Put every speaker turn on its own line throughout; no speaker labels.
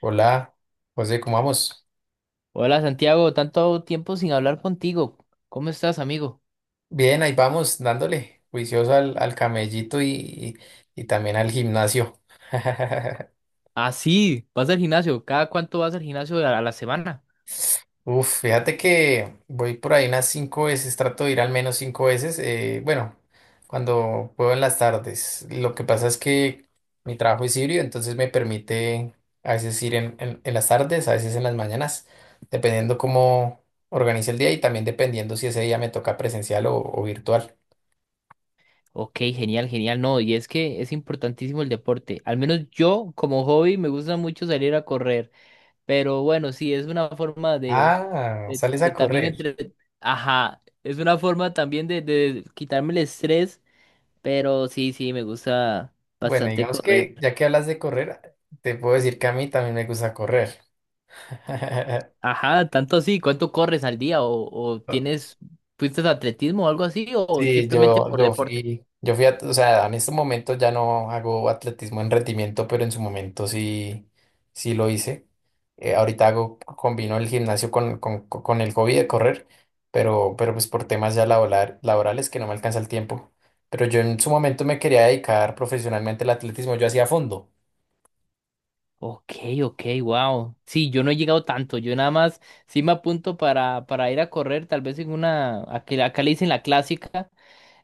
Hola, José, ¿cómo vamos?
Hola Santiago, tanto tiempo sin hablar contigo. ¿Cómo estás, amigo?
Bien, ahí vamos, dándole juicioso al camellito y, también al gimnasio.
Ah, sí, vas al gimnasio. ¿Cada cuánto vas al gimnasio a la semana?
Uf, fíjate que voy por ahí unas cinco veces, trato de ir al menos cinco veces, bueno, cuando puedo en las tardes. Lo que pasa es que mi trabajo es híbrido, entonces me permite a veces ir en las tardes, a veces en las mañanas, dependiendo cómo organice el día y también dependiendo si ese día me toca presencial o virtual.
Ok, genial, genial. No, y es que es importantísimo el deporte. Al menos yo, como hobby, me gusta mucho salir a correr. Pero bueno, sí, es una forma de,
Ah,
de-
sales a
de también
correr.
entre... Ajá, es una forma también de quitarme el estrés. Pero sí, sí, me gusta
Bueno,
bastante
digamos
correr.
que ya que hablas de correr, te puedo decir que a mí también me gusta correr.
Ajá, tanto así, ¿cuánto corres al día? O tienes, fuiste de atletismo o algo así? ¿O
Sí,
simplemente por deporte?
o sea, en este momento ya no hago atletismo en rendimiento, pero en su momento sí, sí lo hice. Ahorita combino el gimnasio con el hobby de correr, pero pues por temas ya laborales que no me alcanza el tiempo. Pero yo en su momento me quería dedicar profesionalmente al atletismo, yo hacía fondo.
Ok, ok, wow. Sí, yo no he llegado tanto, yo nada más sí me apunto para ir a correr, tal vez en una, aquí- acá le dicen la clásica,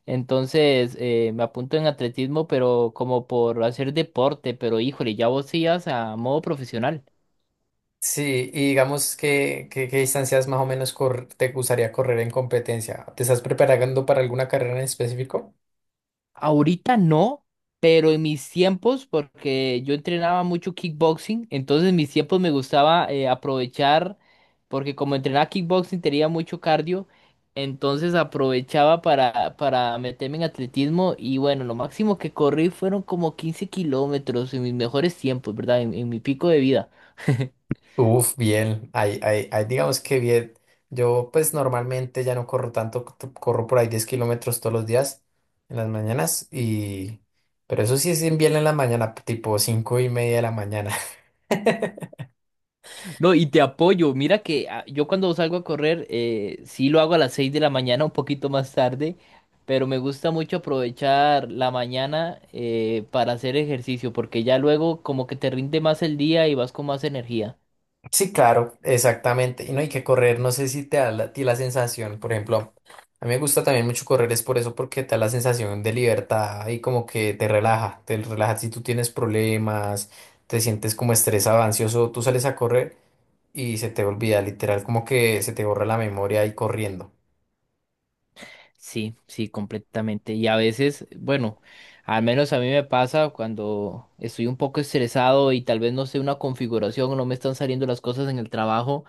entonces me apunto en atletismo, pero como por hacer deporte, pero híjole, ya vos sí ibas a modo profesional.
Sí, y digamos qué distancias más o menos te gustaría correr en competencia. ¿Te estás preparando para alguna carrera en específico?
Ahorita no, pero en mis tiempos, porque yo entrenaba mucho kickboxing, entonces en mis tiempos me gustaba aprovechar, porque como entrenaba kickboxing tenía mucho cardio, entonces aprovechaba para meterme en atletismo y bueno, lo máximo que corrí fueron como 15 kilómetros en mis mejores tiempos, ¿verdad? En mi pico de vida.
Uf, bien, ahí digamos que bien. Yo pues normalmente ya no corro tanto, corro por ahí 10 kilómetros todos los días en las mañanas y. Pero eso sí es bien en la mañana, tipo 5:30 de la mañana.
No, y te apoyo. Mira que ah, yo cuando salgo a correr, sí lo hago a las 6 de la mañana, un poquito más tarde, pero me gusta mucho aprovechar la mañana para hacer ejercicio, porque ya luego como que te rinde más el día y vas con más energía.
Sí, claro, exactamente. Y no hay que correr, no sé si te da a ti la sensación, por ejemplo, a mí me gusta también mucho correr, es por eso, porque te da la sensación de libertad y como que te relaja si tú tienes problemas, te sientes como estresado, ansioso, tú sales a correr y se te olvida, literal, como que se te borra la memoria y corriendo.
Sí, sí, completamente. Y a veces, bueno, al menos a mí me pasa cuando estoy un poco estresado y tal vez no sé una configuración o no me están saliendo las cosas en el trabajo.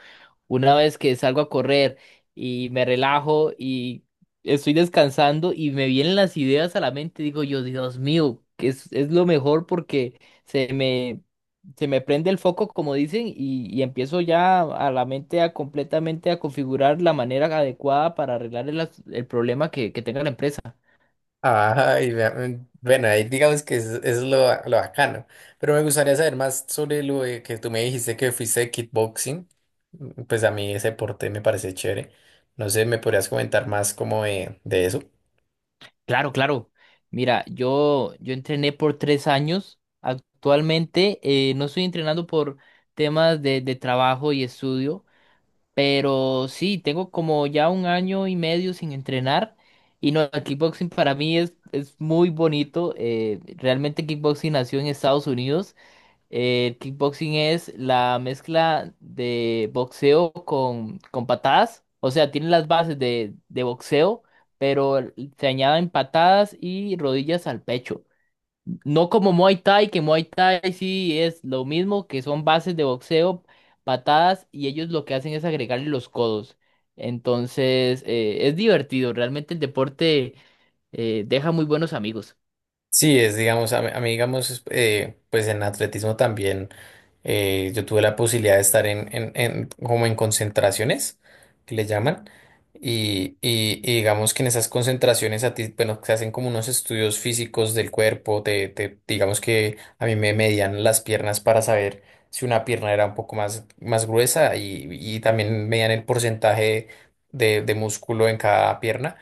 Una vez que salgo a correr y me relajo y estoy descansando y me vienen las ideas a la mente, digo yo, Dios mío, que es lo mejor porque se me se me prende el foco, como dicen, y empiezo ya a la mente a completamente a configurar la manera adecuada para arreglar el, as- el problema que tenga la empresa.
Ay, vea, bueno, ahí digamos que es lo bacano. Pero me gustaría saber más sobre lo de que tú me dijiste que fuiste de kickboxing. Pues a mí ese deporte me parece chévere. No sé, ¿me podrías comentar más como de eso?
Claro, claro. Mira, yo entrené por 3 años. Actualmente no estoy entrenando por temas de trabajo y estudio, pero sí, tengo como ya 1 año y medio sin entrenar. Y no, el kickboxing para mí es muy bonito. Realmente kickboxing nació en Estados Unidos. El kickboxing es la mezcla de boxeo con patadas. O sea, tiene las bases de boxeo, pero se añaden patadas y rodillas al pecho. No como Muay Thai, que Muay Thai sí es lo mismo, que son bases de boxeo, patadas, y ellos lo que hacen es agregarle los codos. Entonces, es divertido. Realmente el deporte deja muy buenos amigos.
Sí, es, digamos, a mí, digamos, pues en atletismo también yo tuve la posibilidad de estar en como en concentraciones, que le llaman, y digamos que en esas concentraciones a ti, bueno, se hacen como unos estudios físicos del cuerpo, digamos que a mí me medían las piernas para saber si una pierna era un poco más gruesa y también medían el porcentaje de músculo en cada pierna,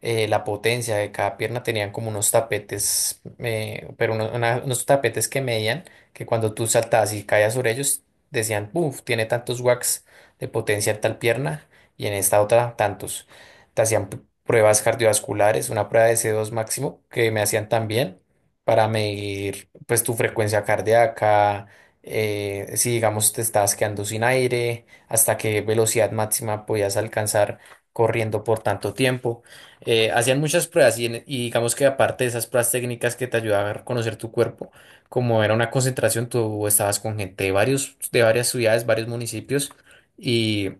la potencia de cada pierna tenían como unos tapetes, pero unos tapetes que medían que cuando tú saltabas y caías sobre ellos, decían, uff, tiene tantos watts de potencia en tal pierna y en esta otra tantos. Te hacían pruebas cardiovasculares, una prueba de C2 máximo que me hacían también para medir pues tu frecuencia cardíaca. Si digamos te estabas quedando sin aire, hasta qué velocidad máxima podías alcanzar corriendo por tanto tiempo. Hacían muchas pruebas y digamos que aparte de esas pruebas técnicas que te ayudaban a conocer tu cuerpo, como era una concentración, tú estabas con gente de varios, de varias ciudades, varios municipios, y,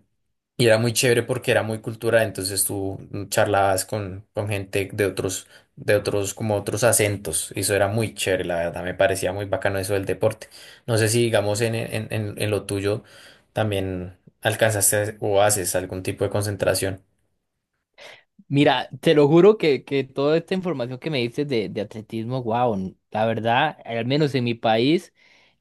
y era muy chévere porque era muy cultural, entonces tú charlabas con gente de otros, como otros acentos, y eso era muy chévere, la verdad, me parecía muy bacano eso del deporte. No sé si digamos en lo tuyo también alcanzaste o haces algún tipo de concentración.
Mira, te lo juro que toda esta información que me dices de atletismo, wow, la verdad, al menos en mi país,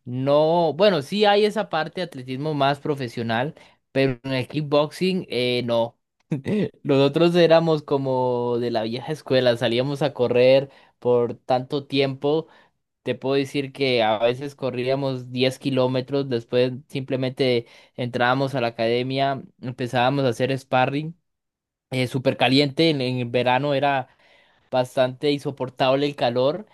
no, bueno, sí hay esa parte de atletismo más profesional, pero en el kickboxing, no. Nosotros éramos como de la vieja escuela, salíamos a correr por tanto tiempo. Te puedo decir que a veces corríamos 10 kilómetros, después simplemente entrábamos a la academia, empezábamos a hacer sparring súper caliente, en el verano era bastante insoportable el calor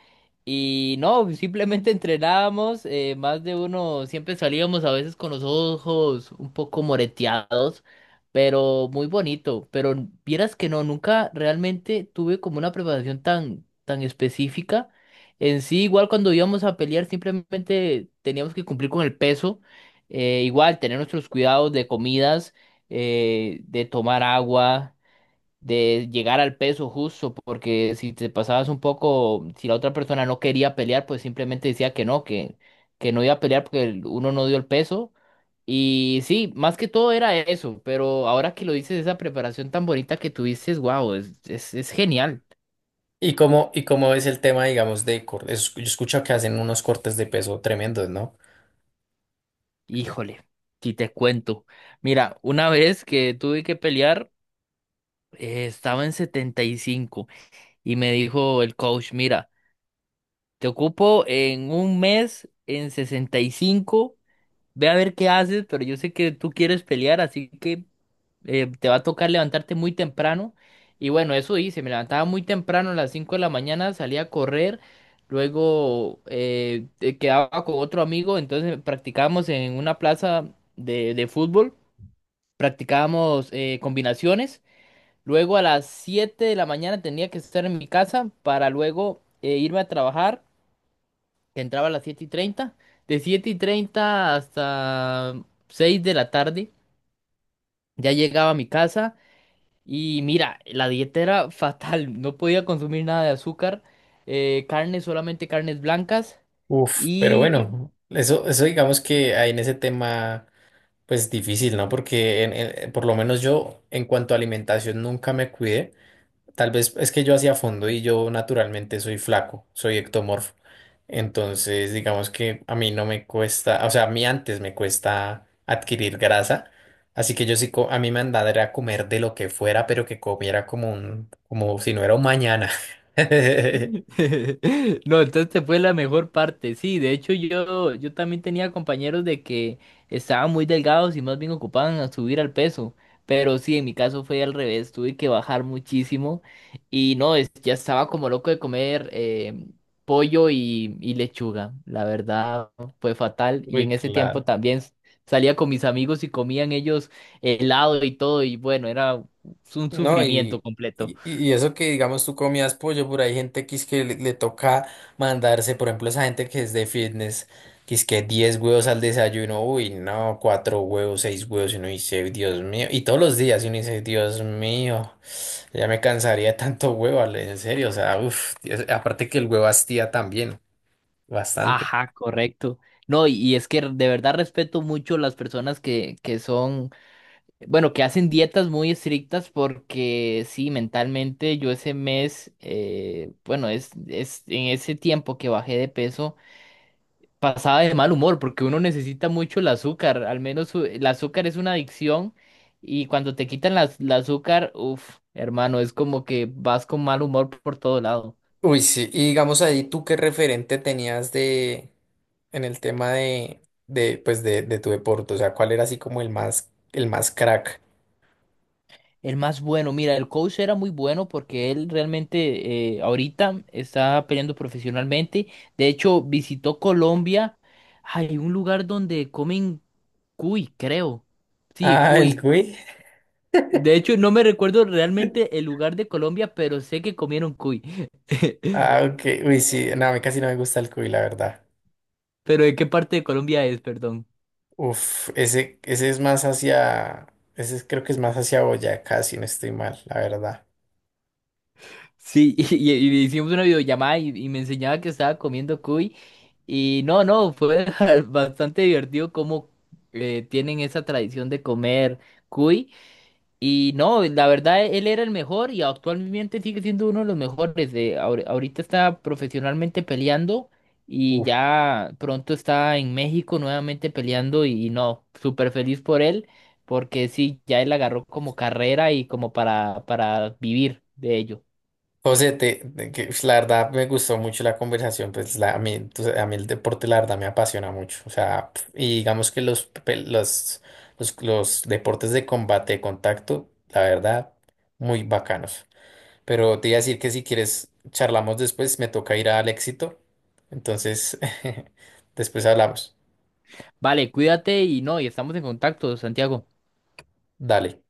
y no, simplemente entrenábamos, más de uno, siempre salíamos a veces con los ojos un poco moreteados, pero muy bonito, pero n- vieras que no, nunca realmente tuve como una preparación tan, tan específica. En sí, igual cuando íbamos a pelear, simplemente teníamos que cumplir con el peso, igual tener nuestros cuidados de comidas, de tomar agua de llegar al peso justo, porque si te pasabas un poco, si la otra persona no quería pelear, pues simplemente decía que no iba a pelear porque el- uno no dio el peso. Y sí, más que todo era eso, pero ahora que lo dices, esa preparación tan bonita que tuviste, wow, es genial.
¿Y cómo es el tema, digamos, de cortes? Yo escucho que hacen unos cortes de peso tremendos, ¿no?
Híjole, si te cuento. Mira, una vez que tuve que pelear, estaba en 75 y me dijo el coach, mira, te ocupo en un mes en 65. Ve a ver qué haces, pero yo sé que tú quieres pelear, así que te va a tocar levantarte muy temprano. Y bueno, eso hice, me levantaba muy temprano a las 5 de la mañana, salía a correr, luego quedaba con otro amigo, entonces practicábamos en una plaza de fútbol, practicábamos combinaciones, luego a las 7 de la mañana tenía que estar en mi casa para luego irme a trabajar que entraba a las 7:30. De 7:30 hasta 6 de la tarde ya llegaba a mi casa y mira, la dieta era fatal, no podía consumir nada de azúcar, carne, solamente carnes blancas.
Uf, pero
Y
bueno, eso digamos que hay en ese tema, pues difícil, ¿no? Porque por lo menos yo, en cuanto a alimentación, nunca me cuidé. Tal vez es que yo hacía fondo y yo naturalmente soy flaco, soy ectomorfo. Entonces, digamos que a mí no me cuesta, o sea, a mí antes me cuesta adquirir grasa. Así que yo sí, a mí me andaba era comer de lo que fuera, pero que comiera como si no era un mañana.
no, entonces fue la mejor parte. Sí, de hecho yo también tenía compañeros de que estaban muy delgados y más bien ocupaban a subir al peso. Pero sí, en mi caso fue al revés, tuve que bajar muchísimo y no, es- ya estaba como loco de comer pollo y lechuga. La verdad fue fatal y
Uy,
en ese tiempo
claro.
también salía con mis amigos y comían ellos helado y todo y bueno, era un
No,
sufrimiento
y,
completo.
y, y eso que digamos tú comías pollo, por ahí gente que es que le toca mandarse, por ejemplo, esa gente que es de fitness, que es que 10 huevos al desayuno, uy, no, cuatro huevos, seis huevos, y uno dice, Dios mío, y todos los días, y uno dice, Dios mío, ya me cansaría de tanto huevo, Ale, en serio, o sea, uff, aparte que el huevo hastía también, bastante.
Ajá, correcto. No, y es que de verdad respeto mucho las personas que son, bueno, que hacen dietas muy estrictas porque sí, mentalmente yo ese mes, bueno, es en ese tiempo que bajé de peso, pasaba de mal humor porque uno necesita mucho el azúcar, al menos u- el azúcar es una adicción y cuando te quitan la, el azúcar, uff, hermano, es como que vas con mal humor por todo lado.
Uy, sí, y digamos ahí, ¿tú qué referente tenías de en el tema de tu deporte? O sea, ¿cuál era así como el más, crack?
El más bueno, mira, el coach era muy bueno porque él realmente ahorita está peleando profesionalmente. De hecho, visitó Colombia. Hay un lugar donde comen cuy, creo. Sí,
Ah, el
cuy.
cuy.
De hecho, no me recuerdo realmente el lugar de Colombia, pero sé que comieron cuy.
Ah, ok. Uy, sí, no, a mí casi no me gusta el cuy, la verdad.
Pero ¿de qué parte de Colombia es, perdón?
Uf, ese es más hacia, ese es- creo que es más hacia Boyacá, si no estoy mal, la verdad.
Sí, y hicimos una videollamada y me enseñaba que estaba comiendo cuy. Y no, no, fue bastante divertido cómo tienen esa tradición de comer cuy. Y no, la verdad, él era el mejor y actualmente sigue siendo uno de los mejores. Ahorita está profesionalmente peleando y
Uf.
ya pronto está en México nuevamente peleando. Y no, súper feliz por él, porque sí, ya él agarró como carrera y como para vivir de ello.
José, pues, la verdad me gustó mucho la conversación, pues la, a mí, tú sa- a mí el deporte la verdad me apasiona mucho, o sea, pf, y digamos que los, pe- los deportes de combate, de contacto, la verdad, muy bacanos. Pero te iba a decir que si quieres charlamos después, me toca ir al éxito, entonces después hablamos.
Vale, cuídate y no, y estamos en contacto, Santiago.
Dale.